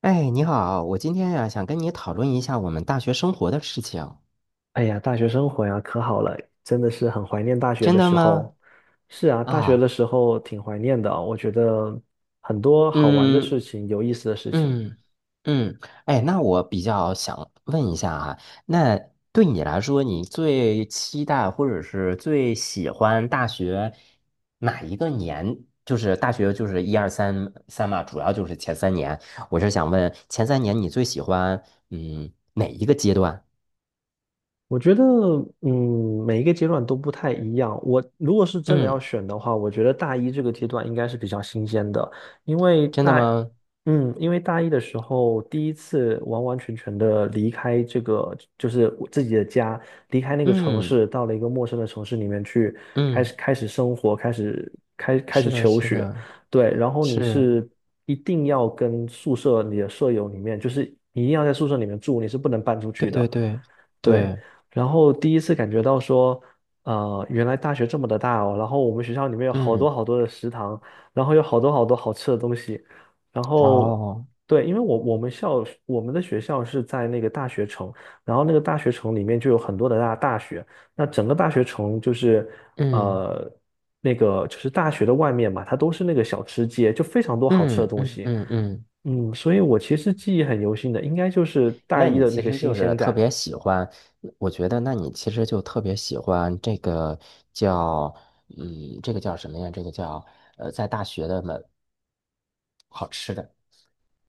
哎，你好，我今天呀，想跟你讨论一下我们大学生活的事情。哎呀，大学生活呀，可好了，真的是很怀念大学真的的时候。吗？是啊，大学啊，的时候挺怀念的啊，我觉得很多好玩的事嗯情，有意思的事情。嗯嗯。哎，那我比较想问一下啊，那对你来说，你最期待或者是最喜欢大学哪一个年？就是大学就是一二三三嘛，主要就是前三年。我是想问前三年你最喜欢哪一个阶段？我觉得，每一个阶段都不太一样。我如果是真的要嗯，选的话，我觉得大一这个阶段应该是比较新鲜的，因为真的大，吗？因为大一的时候第一次完完全全的离开这个，就是我自己的家，离开那个城嗯市，到了一个陌生的城市里面去，开嗯。始开始生活，开始是的，求是学，的，对，然后你是，是一定要跟宿舍你的舍友里面，就是你一定要在宿舍里面住，你是不能搬出去对对的。对对，对，然后第一次感觉到说，原来大学这么的大哦，然后我们学校里面有好多嗯，好多的食堂，然后有好多好多好吃的东西，然后哦，对，因为我们的学校是在那个大学城，然后那个大学城里面就有很多的大学，那整个大学城就是嗯呃那个就是大学的外面嘛，它都是那个小吃街，就非常多好吃的嗯东嗯西，嗯嗯。所以我其实记忆很犹新的，应该就是大那一你的那其个实新就是鲜特感。别喜欢，我觉得那你其实就特别喜欢这个叫，嗯，这个叫什么呀？这个叫在大学的门好吃的，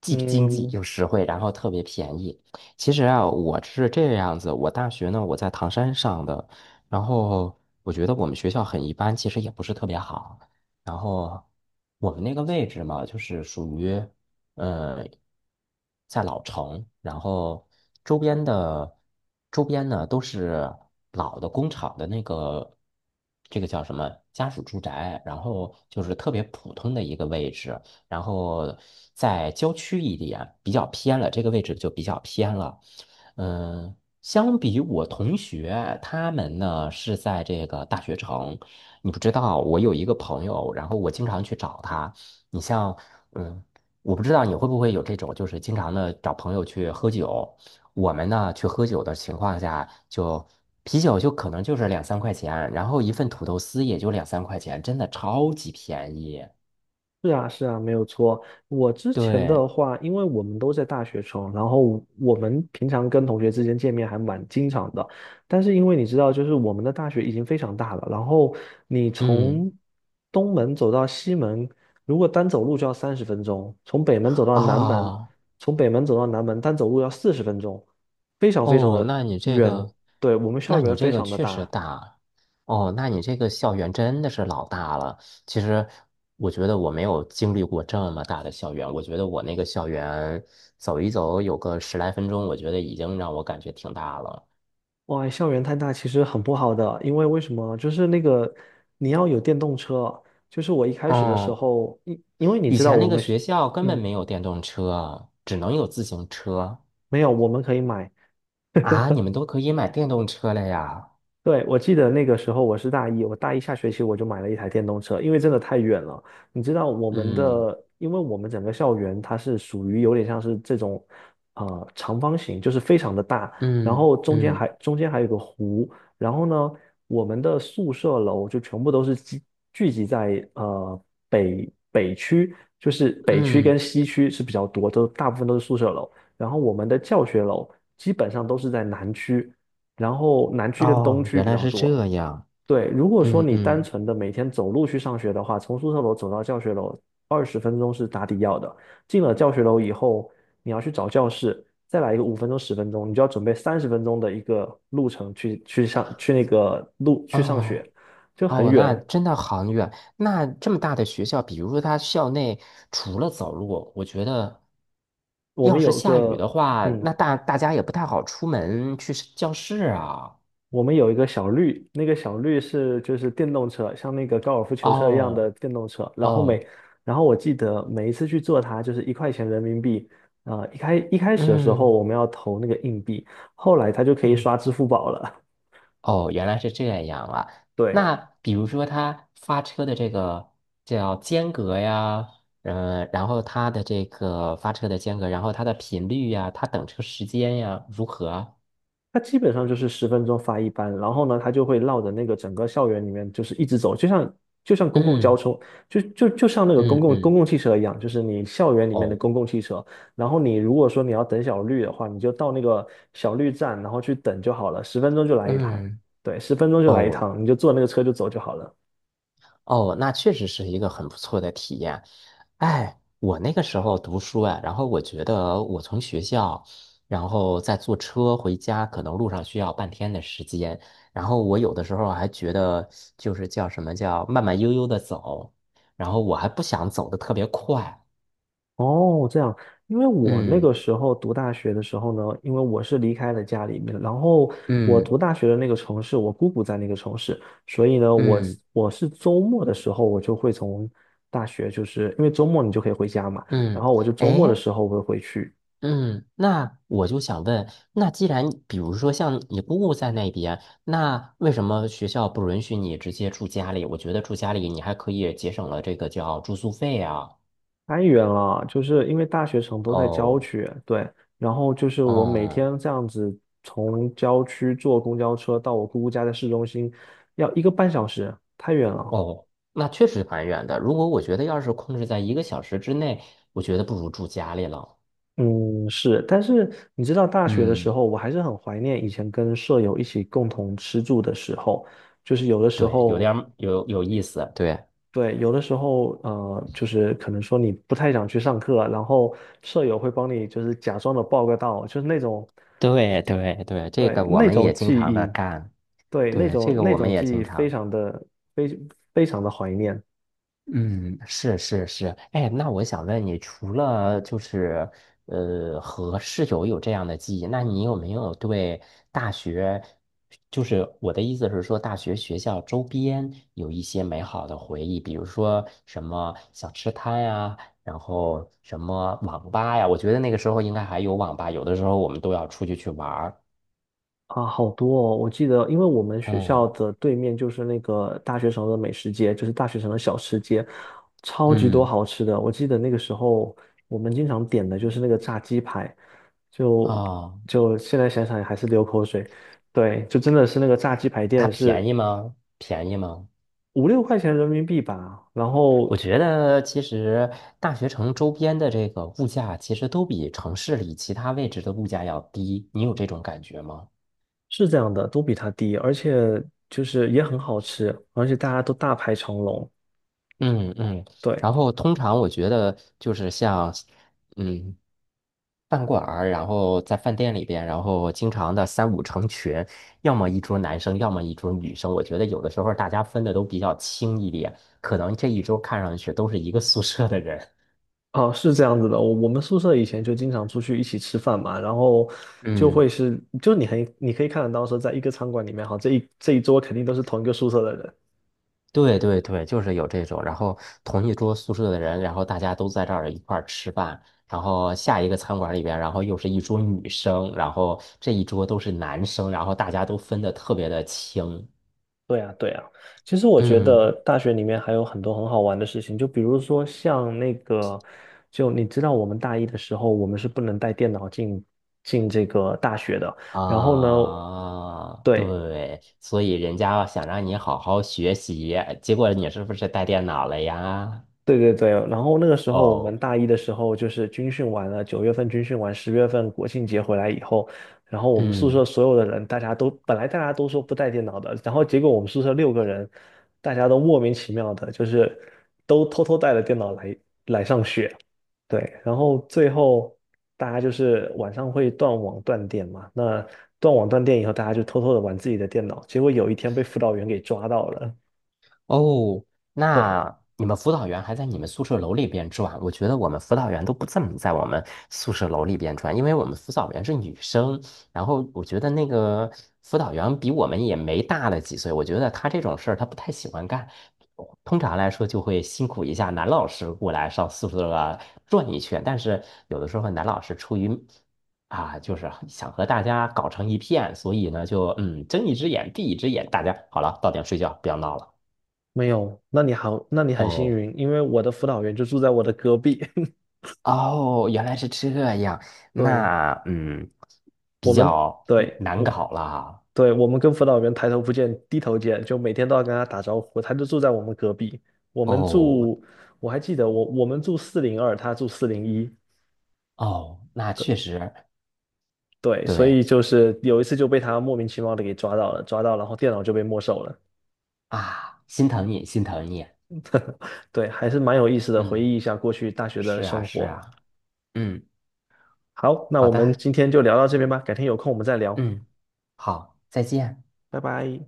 既经济嗯，又实惠，然后特别便宜。其实啊，我是这个样子，我大学呢我在唐山上的。然后我觉得我们学校很一般，其实也不是特别好。然后我们那个位置嘛，就是属于呃在老城，然后周边的周边呢都是老的工厂的那个，这个叫什么家属住宅，然后就是特别普通的一个位置。然后在郊区一点，比较偏了，这个位置就比较偏了。嗯，相比我同学他们呢是在这个大学城，你不知道，我有一个朋友，然后我经常去找他。你像，嗯，我不知道你会不会有这种，就是经常的找朋友去喝酒。我们呢去喝酒的情况下，就啤酒就可能就是两三块钱，然后一份土豆丝也就两三块钱，真的超级便宜。是啊，是啊，没有错。我之前对，的话，因为我们都在大学城，然后我们平常跟同学之间见面还蛮经常的。但是因为你知道，就是我们的大学已经非常大了，然后你嗯。从东门走到西门，如果单走路就要三十分钟；啊从北门走到南门单走路要40分钟，非常非常哦，的那你这远。个，对，我们校那园你这非个常的确实大，大。哦，那你这个校园真的是老大了。其实我觉得我没有经历过这么大的校园，我觉得我那个校园走一走有个十来分钟，我觉得已经让我感觉挺大了。哇，校园太大其实很不好的，因为为什么？就是那个你要有电动车，就是我一开始的时嗯，候，因为你以知道前那我个们学是，校根本嗯，没有电动车，只能有自行车。没有，我们可以买，啊，你们都可以买电动车了呀。对，我记得那个时候我是大一，我大一下学期我就买了一台电动车，因为真的太远了。你知道我们嗯的，因为我们整个校园它是属于有点像是这种，长方形，就是非常的大，然嗯后中间还嗯中间还有个湖，然后呢，我们的宿舍楼就全部都是聚集在北区，就是北区跟嗯，西区是比较多，都大部分都是宿舍楼，然后我们的教学楼基本上都是在南区。然后南区跟东哦，区原比来较是多。这样。对，如果说嗯你单嗯，纯的每天走路去上学的话，从宿舍楼走到教学楼20分钟是打底要的。进了教学楼以后，你要去找教室，再来一个5分钟、十分钟，你就要准备三十分钟的一个路程去去上去那个路去上哦学，就很哦，那远。真的很远。那这么大的学校，比如说它校内除了走路，我觉得我要们是有下雨的个话，嗯，那大家也不太好出门去是教室啊。我们有一个小绿，那个小绿就是电动车，像那个高尔夫球车一样的哦电动车。然后每，哦，然后我记得每一次去坐它就是1块钱人民币。啊、一开始的时候嗯我们要投那个硬币，后来它就可以嗯，刷支付宝了。哦，原来是这样啊。对，那比如说他发车的这个叫间隔呀，嗯，然后它的这个发车的间隔，然后它的频率呀，它等车时间呀，如何啊？它基本上就是十分钟发一班，然后呢，它就会绕着那个整个校园里面，就是一直走，就像公共交嗯通，就像那个公嗯共公嗯，共汽车一样，就是你校园里面的哦，公共汽车。然后你如果说你要等小绿的话，你就到那个小绿站，然后去等就好了，十分钟就来一趟，嗯对，十分钟就来一哦趟，你就坐那个车就走就好了。哦，那确实是一个很不错的体验。哎，我那个时候读书啊，然后我觉得我从学校，然后再坐车回家，可能路上需要半天的时间。然后我有的时候还觉得，就是叫什么叫慢慢悠悠的走，然后我还不想走的特别快。哦，这样，因为我那嗯个时候读大学的时候呢，因为我是离开了家里面，然后我嗯读大学的那个城市，我姑姑在那个城市，所以呢，我嗯我是周末的时候，我就会从大学，就是因为周末你就可以回家嘛，然嗯，后我就周末的哎，时候我会回去，嗯，那我就想问，那既然比如说像你姑姑在那边，那为什么学校不允许你直接住家里？我觉得住家里你还可以节省了这个叫住宿费啊。太远了，就是因为大学城都在郊哦，区，对，然后就是我每哦，天这样子从郊区坐公交车到我姑姑家的市中心，要1个半小时，太远了。哦，那确实蛮远的。如果我觉得要是控制在一个小时之内，我觉得不如住家里了。嗯，是，但是你知道，大学的时嗯，候，我还是很怀念以前跟舍友一起共同吃住的时候，就是有的时对，有点候，儿有意思。对，对，有的时候，就是可能说你不太想去上课，然后舍友会帮你，就是假装的报个到，就是那种，对，对，对，这对，个我那们种也经记常的忆，干。对，那对，这种个那我们种也记经忆常。非非常的怀念。嗯，是是是，哎，那我想问你，除了就是和室友有这样的记忆，那你有没有对大学，就是我的意思是说，大学学校周边有一些美好的回忆，比如说什么小吃摊呀，然后什么网吧呀，我觉得那个时候应该还有网吧，有的时候我们都要出去去玩儿。啊，好多哦！我记得，因为我们学嗯校的对面就是那个大学城的美食街，就是大学城的小吃街，超级多嗯，好吃的。我记得那个时候，我们经常点的就是那个炸鸡排，就哦，就现在想想还是流口水。对，就真的是那个炸鸡排它店便是宜吗？便宜吗？5、6块钱人民币吧，然我后觉得其实大学城周边的这个物价，其实都比城市里其他位置的物价要低。你有这种感觉吗？是这样的，都比它低，而且就是也很好吃，而且大家都大排长龙。嗯嗯。对，然后通常我觉得就是像，嗯，饭馆儿，然后在饭店里边，然后经常的三五成群，要么一桌男生，要么一桌女生。我觉得有的时候大家分的都比较轻一点，可能这一桌看上去都是一个宿舍的人。哦，是这样子的，我们宿舍以前就经常出去一起吃饭嘛，然后就会嗯。是，就你可以看得到说，在一个餐馆里面，哈，这一桌肯定都是同一个宿舍的人。对对对，就是有这种，然后同一桌宿舍的人，然后大家都在这儿一块儿吃饭，然后下一个餐馆里边，然后又是一桌女生，然后这一桌都是男生，然后大家都分得特别的清。对啊，对啊。其实我觉得嗯大学里面还有很多很好玩的事情，就比如说像那个，就你知道我们大一的时候，我们是不能带电脑进这个大学的。然后呢，啊，对，对，所以人家想让你好好学习，结果你是不是带电脑了呀？对对对，然后那个时候我们哦，大一的时候就是军训完了，9月份军训完，10月份国庆节回来以后，然后我们宿嗯。舍所有的人，大家都本来大家都说不带电脑的，然后结果我们宿舍六个人，大家都莫名其妙的，就是都偷偷带了电脑来上学。对，然后最后大家就是晚上会断网断电嘛，那断网断电以后，大家就偷偷的玩自己的电脑，结果有一天被辅导员给抓到了。哦，对。那你们辅导员还在你们宿舍楼里边转？我觉得我们辅导员都不怎么在我们宿舍楼里边转，因为我们辅导员是女生，然后我觉得那个辅导员比我们也没大了几岁，我觉得他这种事儿他不太喜欢干，通常来说就会辛苦一下男老师过来上宿舍啊转一圈，但是有的时候男老师出于就是想和大家搞成一片，所以呢就睁一只眼闭一只眼，大家好了，到点睡觉，不要闹了。没有，那你好，那你很幸哦运，因为我的辅导员就住在我的隔壁。哦，原来是这样，对，那嗯，我比们，较嗯对，难我，搞啦。对，我们跟辅导员抬头不见低头见，就每天都要跟他打招呼。他就住在我们隔壁，我们哦住，我还记得我们住402，他住401。哦，那对确实对，所对以就是有一次就被他莫名其妙的给抓到了，抓到，然后电脑就被没收了。啊，心疼你，心疼你。对，还是蛮有意思的，回嗯，忆一下过去大学的是啊，生是活。啊。嗯，好，那好我们的。今天就聊到这边吧，改天有空我们再聊，嗯，好，再见。拜拜。